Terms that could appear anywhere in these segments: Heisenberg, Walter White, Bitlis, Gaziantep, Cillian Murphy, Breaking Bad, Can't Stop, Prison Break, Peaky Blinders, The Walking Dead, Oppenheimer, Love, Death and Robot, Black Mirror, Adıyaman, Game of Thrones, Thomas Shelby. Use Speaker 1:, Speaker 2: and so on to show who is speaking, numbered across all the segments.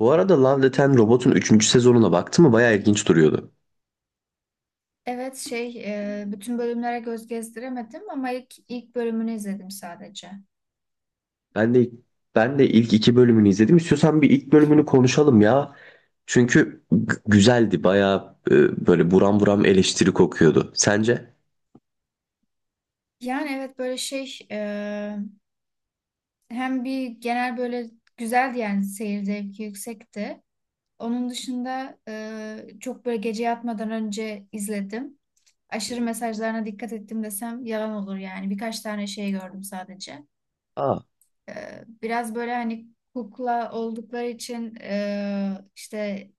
Speaker 1: Bu arada Love, Death and Robot'un üçüncü sezonuna baktım mı bayağı ilginç duruyordu.
Speaker 2: Evet şey bütün bölümlere göz gezdiremedim ama ilk bölümünü izledim sadece.
Speaker 1: Ben de ben de ilk iki bölümünü izledim. İstiyorsan bir ilk bölümünü konuşalım ya. Çünkü güzeldi. Bayağı böyle buram buram eleştiri kokuyordu. Sence?
Speaker 2: Yani evet böyle şey hem bir genel böyle güzeldi yani seyir zevki yüksekti. Onun dışında çok böyle gece yatmadan önce izledim. Aşırı mesajlarına dikkat ettim desem yalan olur yani. Birkaç tane şey gördüm sadece.
Speaker 1: Aa.
Speaker 2: E, Biraz böyle hani kukla oldukları için işte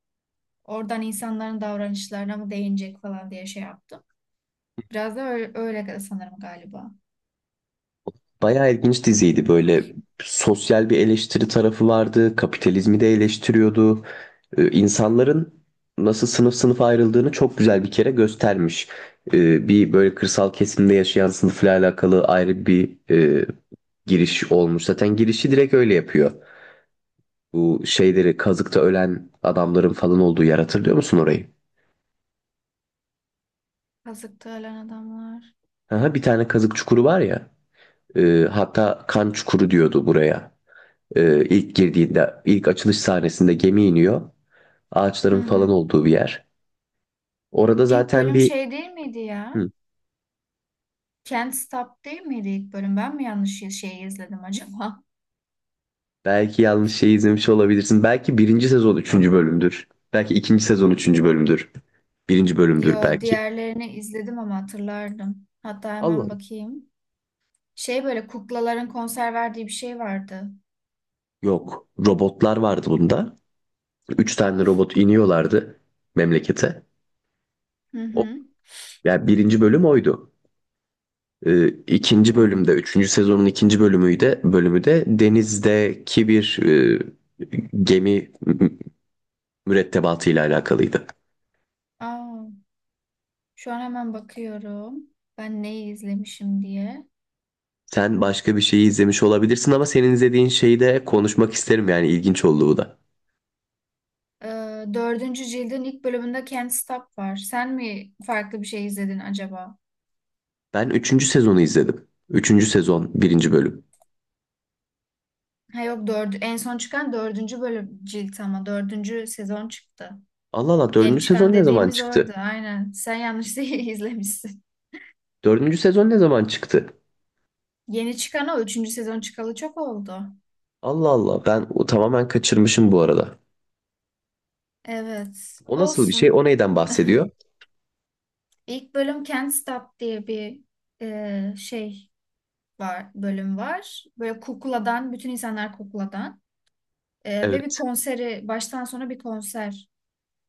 Speaker 2: oradan insanların davranışlarına mı değinecek falan diye şey yaptım. Biraz da öyle sanırım galiba.
Speaker 1: Bayağı ilginç diziydi böyle, sosyal bir eleştiri tarafı vardı, kapitalizmi de eleştiriyordu. İnsanların nasıl sınıf sınıf ayrıldığını çok güzel bir kere göstermiş. Bir böyle kırsal kesimde yaşayan sınıfla alakalı ayrı bir e, giriş olmuş. Zaten girişi direkt öyle yapıyor. Bu şeyleri kazıkta ölen adamların falan olduğu yer, hatırlıyor musun orayı?
Speaker 2: Kazıktı ölen adamlar.
Speaker 1: Aha, bir tane kazık çukuru var ya. Hatta kan çukuru diyordu buraya. İlk girdiğinde, ilk açılış sahnesinde gemi iniyor.
Speaker 2: Hı
Speaker 1: Ağaçların falan
Speaker 2: hı.
Speaker 1: olduğu bir yer. Orada
Speaker 2: İlk
Speaker 1: zaten
Speaker 2: bölüm
Speaker 1: bir
Speaker 2: şey değil miydi ya?
Speaker 1: hı,
Speaker 2: Can't Stop değil miydi ilk bölüm? Ben mi yanlış şeyi izledim acaba?
Speaker 1: Belki yanlış şey izlemiş olabilirsin. Belki birinci sezon üçüncü bölümdür. Belki ikinci sezon üçüncü bölümdür. Birinci bölümdür
Speaker 2: Yo,
Speaker 1: belki.
Speaker 2: diğerlerini izledim ama hatırlardım. Hatta
Speaker 1: Allah
Speaker 2: hemen
Speaker 1: Allah.
Speaker 2: bakayım. Şey böyle kuklaların konser verdiği bir şey vardı.
Speaker 1: Yok. Robotlar vardı bunda. Üç tane robot iniyorlardı memlekete.
Speaker 2: Hı
Speaker 1: O,
Speaker 2: hı.
Speaker 1: yani birinci bölüm oydu. İkinci bölümde,
Speaker 2: Hmm.
Speaker 1: üçüncü sezonun ikinci bölümü de, denizdeki bir gemi mürettebatıyla alakalıydı.
Speaker 2: Aa, şu an hemen bakıyorum. Ben neyi izlemişim diye.
Speaker 1: Sen başka bir şeyi izlemiş olabilirsin, ama senin izlediğin şeyi de konuşmak isterim, yani ilginç olduğu da.
Speaker 2: Ee, dördüncü cildin ilk bölümünde Can't Stop var. Sen mi farklı bir şey izledin acaba?
Speaker 1: Ben üçüncü sezonu izledim. Üçüncü sezon birinci bölüm.
Speaker 2: Ha yok dördü, en son çıkan dördüncü bölüm cilt ama dördüncü sezon çıktı.
Speaker 1: Allah Allah,
Speaker 2: Yeni
Speaker 1: dördüncü
Speaker 2: çıkan
Speaker 1: sezon ne zaman
Speaker 2: dediğimiz orada
Speaker 1: çıktı?
Speaker 2: aynen. Sen yanlış değil izlemişsin.
Speaker 1: Dördüncü sezon ne zaman çıktı?
Speaker 2: Yeni çıkan o üçüncü sezon çıkalı çok oldu.
Speaker 1: Allah Allah, ben o tamamen kaçırmışım bu arada.
Speaker 2: Evet
Speaker 1: O nasıl bir şey? O
Speaker 2: olsun.
Speaker 1: neyden bahsediyor?
Speaker 2: İlk bölüm Can't Stop diye bir şey var bölüm var. Böyle kukladan bütün insanlar kukladan. Ve bir
Speaker 1: Evet.
Speaker 2: konseri baştan sona bir konser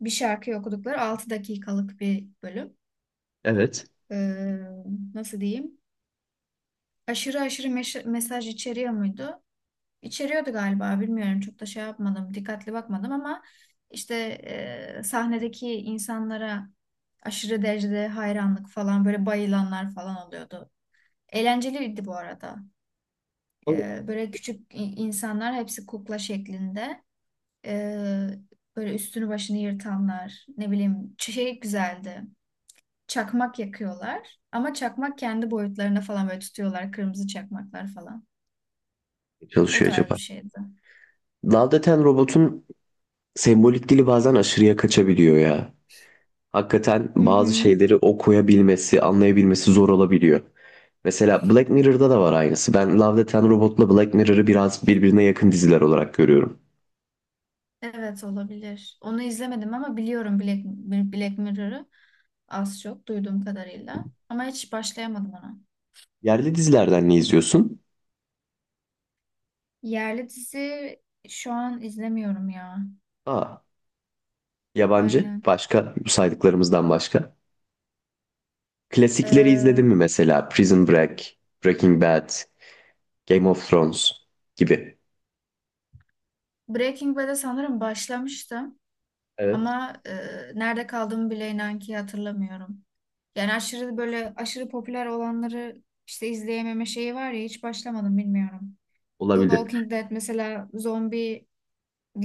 Speaker 2: bir şarkıyı okudukları 6 dakikalık bir bölüm.
Speaker 1: Evet.
Speaker 2: Ee, nasıl diyeyim? Aşırı mesaj içeriyor muydu? İçeriyordu galiba bilmiyorum. Çok da şey yapmadım, dikkatli bakmadım ama işte sahnedeki insanlara aşırı derecede hayranlık falan böyle bayılanlar falan oluyordu. Eğlenceliydi bu arada.
Speaker 1: O
Speaker 2: Böyle küçük insanlar hepsi kukla şeklinde. Ee, böyle üstünü başını yırtanlar ne bileyim şey güzeldi. Çakmak yakıyorlar. Ama çakmak kendi boyutlarına falan böyle tutuyorlar. Kırmızı çakmaklar falan.
Speaker 1: ne
Speaker 2: O
Speaker 1: çalışıyor
Speaker 2: tarz bir
Speaker 1: acaba?
Speaker 2: şeydi.
Speaker 1: Love Death and Robot'un sembolik dili bazen aşırıya kaçabiliyor ya. Hakikaten
Speaker 2: Hı
Speaker 1: bazı
Speaker 2: hı.
Speaker 1: şeyleri okuyabilmesi, anlayabilmesi zor olabiliyor. Mesela Black Mirror'da da var aynısı. Ben Love, Death and Robot'la Black Mirror'ı biraz birbirine yakın diziler olarak görüyorum.
Speaker 2: Evet olabilir. Onu izlemedim ama biliyorum Black Mirror'ı az çok duyduğum kadarıyla. Ama hiç başlayamadım ona.
Speaker 1: Yerli dizilerden ne izliyorsun?
Speaker 2: Yerli dizi şu an izlemiyorum ya.
Speaker 1: Aa, yabancı,
Speaker 2: Aynen.
Speaker 1: başka, bu saydıklarımızdan başka. Klasikleri izledin
Speaker 2: Ee,
Speaker 1: mi mesela? Prison Break, Breaking Bad, Game of Thrones gibi.
Speaker 2: Breaking Bad'e sanırım başlamıştım.
Speaker 1: Evet.
Speaker 2: Ama nerede kaldığımı bile inan ki hatırlamıyorum. Yani aşırı popüler olanları işte izleyememe şeyi var ya hiç başlamadım bilmiyorum. The
Speaker 1: Olabilir.
Speaker 2: Walking Dead mesela zombili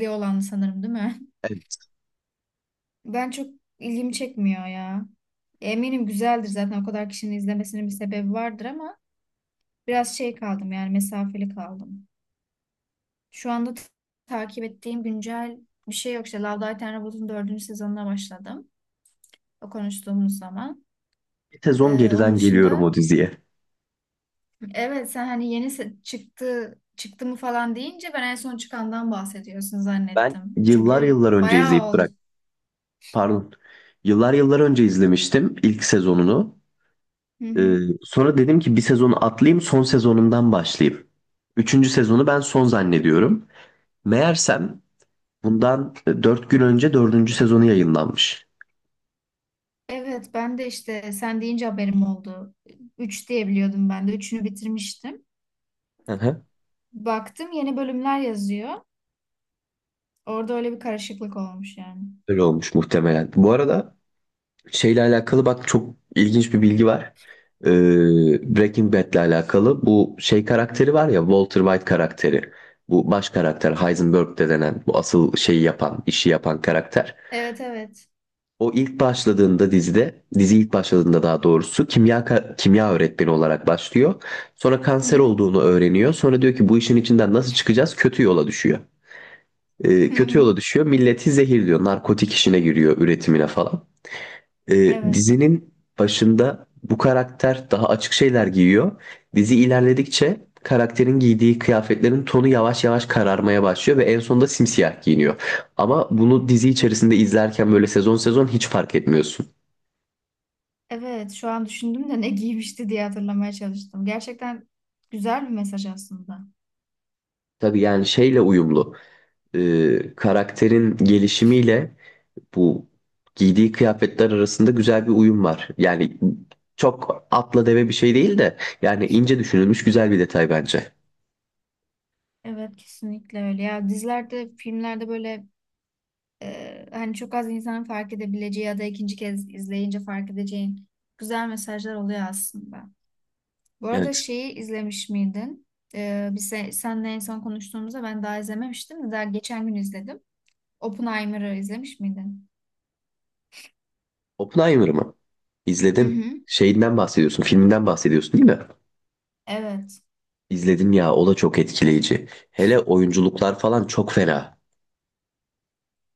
Speaker 2: olan sanırım değil mi?
Speaker 1: Evet.
Speaker 2: Ben çok ilgimi çekmiyor ya. Eminim güzeldir zaten o kadar kişinin izlemesinin bir sebebi vardır ama biraz şey kaldım yani mesafeli kaldım. Şu anda takip ettiğim güncel bir şey yok. İşte Love, Death and Robots'un dördüncü sezonuna başladım. O konuştuğumuz zaman.
Speaker 1: Bir sezon
Speaker 2: Onun
Speaker 1: geriden geliyorum
Speaker 2: dışında
Speaker 1: o diziye.
Speaker 2: evet sen hani yeni çıktı çıktı mı falan deyince ben en son çıkandan bahsediyorsun
Speaker 1: Ben
Speaker 2: zannettim.
Speaker 1: yıllar
Speaker 2: Çünkü
Speaker 1: yıllar önce
Speaker 2: bayağı
Speaker 1: izleyip
Speaker 2: ol.
Speaker 1: bıraktım. Pardon. Yıllar yıllar önce izlemiştim ilk sezonunu.
Speaker 2: Hı
Speaker 1: Ee,
Speaker 2: hı.
Speaker 1: sonra dedim ki bir sezonu atlayayım, son sezonundan başlayayım. Üçüncü sezonu ben son zannediyorum. Meğersem bundan 4 gün önce dördüncü sezonu yayınlanmış.
Speaker 2: Evet ben de işte sen deyince haberim oldu. Üç diye biliyordum ben de. Üçünü bitirmiştim.
Speaker 1: Hı hı.
Speaker 2: Baktım yeni bölümler yazıyor. Orada öyle bir karışıklık olmuş yani.
Speaker 1: Öyle olmuş muhtemelen. Bu arada şeyle alakalı bak, çok ilginç bir bilgi var. Ee, Breaking Bad'le alakalı bu şey
Speaker 2: Hı hı.
Speaker 1: karakteri var ya, Walter White karakteri. Bu baş karakter, Heisenberg de denen bu asıl şeyi yapan, işi yapan karakter.
Speaker 2: Evet evet.
Speaker 1: O ilk başladığında dizide, dizi ilk başladığında daha doğrusu, kimya kimya öğretmeni olarak başlıyor. Sonra
Speaker 2: Hı
Speaker 1: kanser
Speaker 2: hı.
Speaker 1: olduğunu öğreniyor. Sonra diyor ki bu işin içinden nasıl çıkacağız? Kötü yola düşüyor. Ee,
Speaker 2: Hı
Speaker 1: kötü
Speaker 2: hı.
Speaker 1: yola düşüyor. Milleti zehirliyor. Narkotik işine giriyor, üretimine falan. Ee,
Speaker 2: Evet.
Speaker 1: dizinin başında bu karakter daha açık şeyler giyiyor. Dizi ilerledikçe karakterin giydiği kıyafetlerin tonu yavaş yavaş kararmaya başlıyor ve en sonunda simsiyah giyiniyor. Ama bunu dizi içerisinde izlerken böyle sezon sezon hiç fark etmiyorsun.
Speaker 2: Evet şu an düşündüm de ne giymişti diye hatırlamaya çalıştım. Gerçekten güzel bir mesaj aslında.
Speaker 1: Tabii yani şeyle uyumlu. Karakterin gelişimiyle bu giydiği kıyafetler arasında güzel bir uyum var. Yani çok atla deve bir şey değil de, yani ince düşünülmüş güzel bir detay bence.
Speaker 2: Evet kesinlikle öyle. Ya dizilerde, filmlerde böyle hani çok az insanın fark edebileceği ya da ikinci kez izleyince fark edeceğin güzel mesajlar oluyor aslında. Bu arada
Speaker 1: Evet.
Speaker 2: şeyi izlemiş miydin? E, biz seninle en son konuştuğumuzda ben daha izlememiştim de daha geçen gün izledim. Oppenheimer'ı izlemiş miydin?
Speaker 1: Oppenheimer mı?
Speaker 2: Hı
Speaker 1: İzledim.
Speaker 2: hı.
Speaker 1: Şeyinden bahsediyorsun, filminden bahsediyorsun değil mi?
Speaker 2: Evet.
Speaker 1: İzledim ya, o da çok etkileyici. Hele oyunculuklar falan çok fena.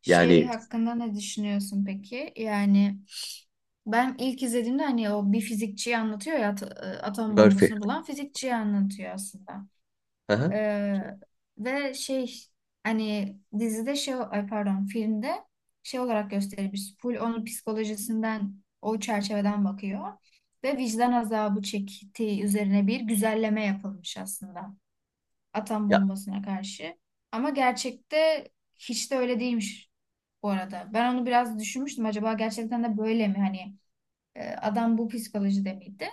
Speaker 2: Şey
Speaker 1: Yani
Speaker 2: hakkında ne düşünüyorsun peki? Yani ben ilk izlediğimde hani o bir fizikçiyi anlatıyor ya atom
Speaker 1: Murphy.
Speaker 2: bombasını bulan fizikçiyi anlatıyor aslında.
Speaker 1: Aha.
Speaker 2: Ee, ve şey hani dizide şey ay pardon filmde şey olarak gösterilmiş. Full onun psikolojisinden o çerçeveden bakıyor. Ve vicdan azabı çektiği üzerine bir güzelleme yapılmış aslında. Atom
Speaker 1: Ya
Speaker 2: bombasına karşı. Ama gerçekte hiç de öyle değilmiş bu arada. Ben onu biraz düşünmüştüm. Acaba gerçekten de böyle mi? Hani adam bu psikolojide miydi?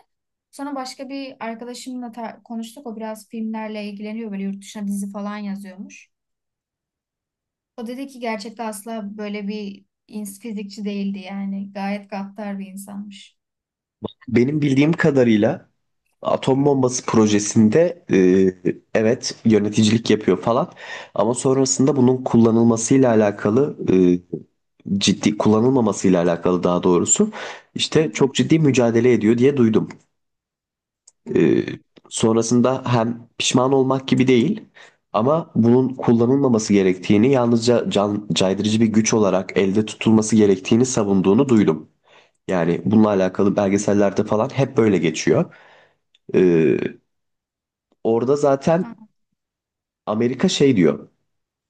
Speaker 2: Sonra başka bir arkadaşımla konuştuk. O biraz filmlerle ilgileniyor. Böyle yurt dışına dizi falan yazıyormuş. O dedi ki gerçekten asla böyle bir fizikçi değildi yani. Gayet gaddar bir insanmış.
Speaker 1: benim bildiğim kadarıyla atom bombası projesinde evet, yöneticilik yapıyor falan, ama sonrasında bunun kullanılmasıyla alakalı, ciddi kullanılmamasıyla alakalı daha doğrusu,
Speaker 2: Hı
Speaker 1: işte
Speaker 2: hı.
Speaker 1: çok ciddi mücadele ediyor diye duydum.
Speaker 2: Hmm.
Speaker 1: E, sonrasında hem pişman olmak gibi değil, ama bunun kullanılmaması gerektiğini, yalnızca can caydırıcı bir güç olarak elde tutulması gerektiğini savunduğunu duydum. Yani bununla alakalı belgesellerde falan hep böyle geçiyor. E, Orada
Speaker 2: Ha,
Speaker 1: zaten Amerika şey diyor.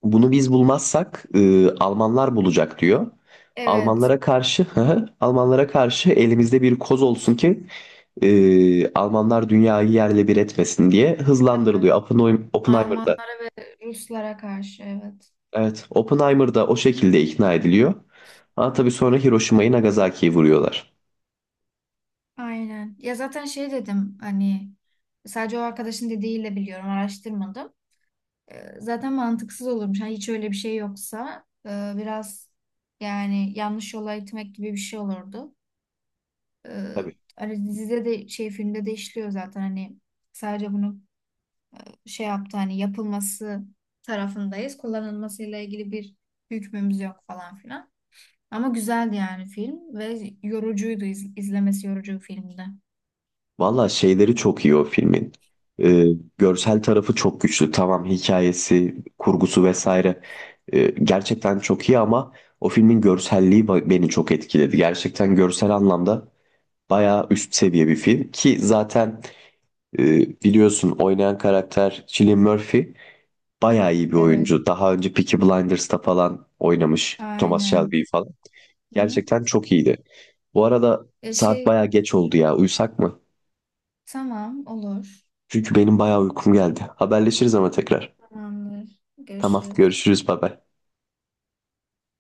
Speaker 1: Bunu biz bulmazsak Almanlar bulacak diyor.
Speaker 2: evet.
Speaker 1: Almanlara karşı hı hı, Almanlara karşı elimizde bir koz olsun ki Almanlar dünyayı yerle bir etmesin diye
Speaker 2: Evet.
Speaker 1: hızlandırılıyor. Oppenheimer'da.
Speaker 2: Almanlara ve Ruslara karşı evet.
Speaker 1: Evet, Oppenheimer'da o şekilde ikna ediliyor. Ama tabii sonra Hiroşima'yı, Nagasaki'yi vuruyorlar.
Speaker 2: Aynen. Ya zaten şey dedim hani sadece o arkadaşın dediğiyle biliyorum araştırmadım. E, zaten mantıksız olurmuş. Hani hiç öyle bir şey yoksa biraz yani yanlış yola itmek gibi bir şey olurdu. E,
Speaker 1: Tabii.
Speaker 2: hani dizide de şey filmde de işliyor zaten hani sadece bunu şey yaptı hani yapılması tarafındayız. Kullanılmasıyla ilgili bir hükmümüz yok falan filan. Ama güzeldi yani film ve yorucuydu izlemesi yorucu bir filmdi.
Speaker 1: Valla şeyleri çok iyi o filmin. Ee, görsel tarafı çok güçlü. Tamam, hikayesi, kurgusu vesaire gerçekten çok iyi, ama o filmin görselliği beni çok etkiledi. Gerçekten görsel anlamda bayağı üst seviye bir film, ki zaten e, biliyorsun, oynayan karakter Cillian Murphy bayağı iyi bir
Speaker 2: Evet,
Speaker 1: oyuncu. Daha önce Peaky Blinders'ta falan oynamış, Thomas Shelby
Speaker 2: aynen.
Speaker 1: falan.
Speaker 2: Hı hı.
Speaker 1: Gerçekten çok iyiydi. Bu arada
Speaker 2: E
Speaker 1: saat
Speaker 2: şey
Speaker 1: bayağı geç oldu ya. Uyusak mı?
Speaker 2: tamam olur.
Speaker 1: Çünkü benim bayağı uykum geldi. Haberleşiriz ama tekrar.
Speaker 2: Tamamdır.
Speaker 1: Tamam,
Speaker 2: Görüşürüz.
Speaker 1: görüşürüz, bay bay.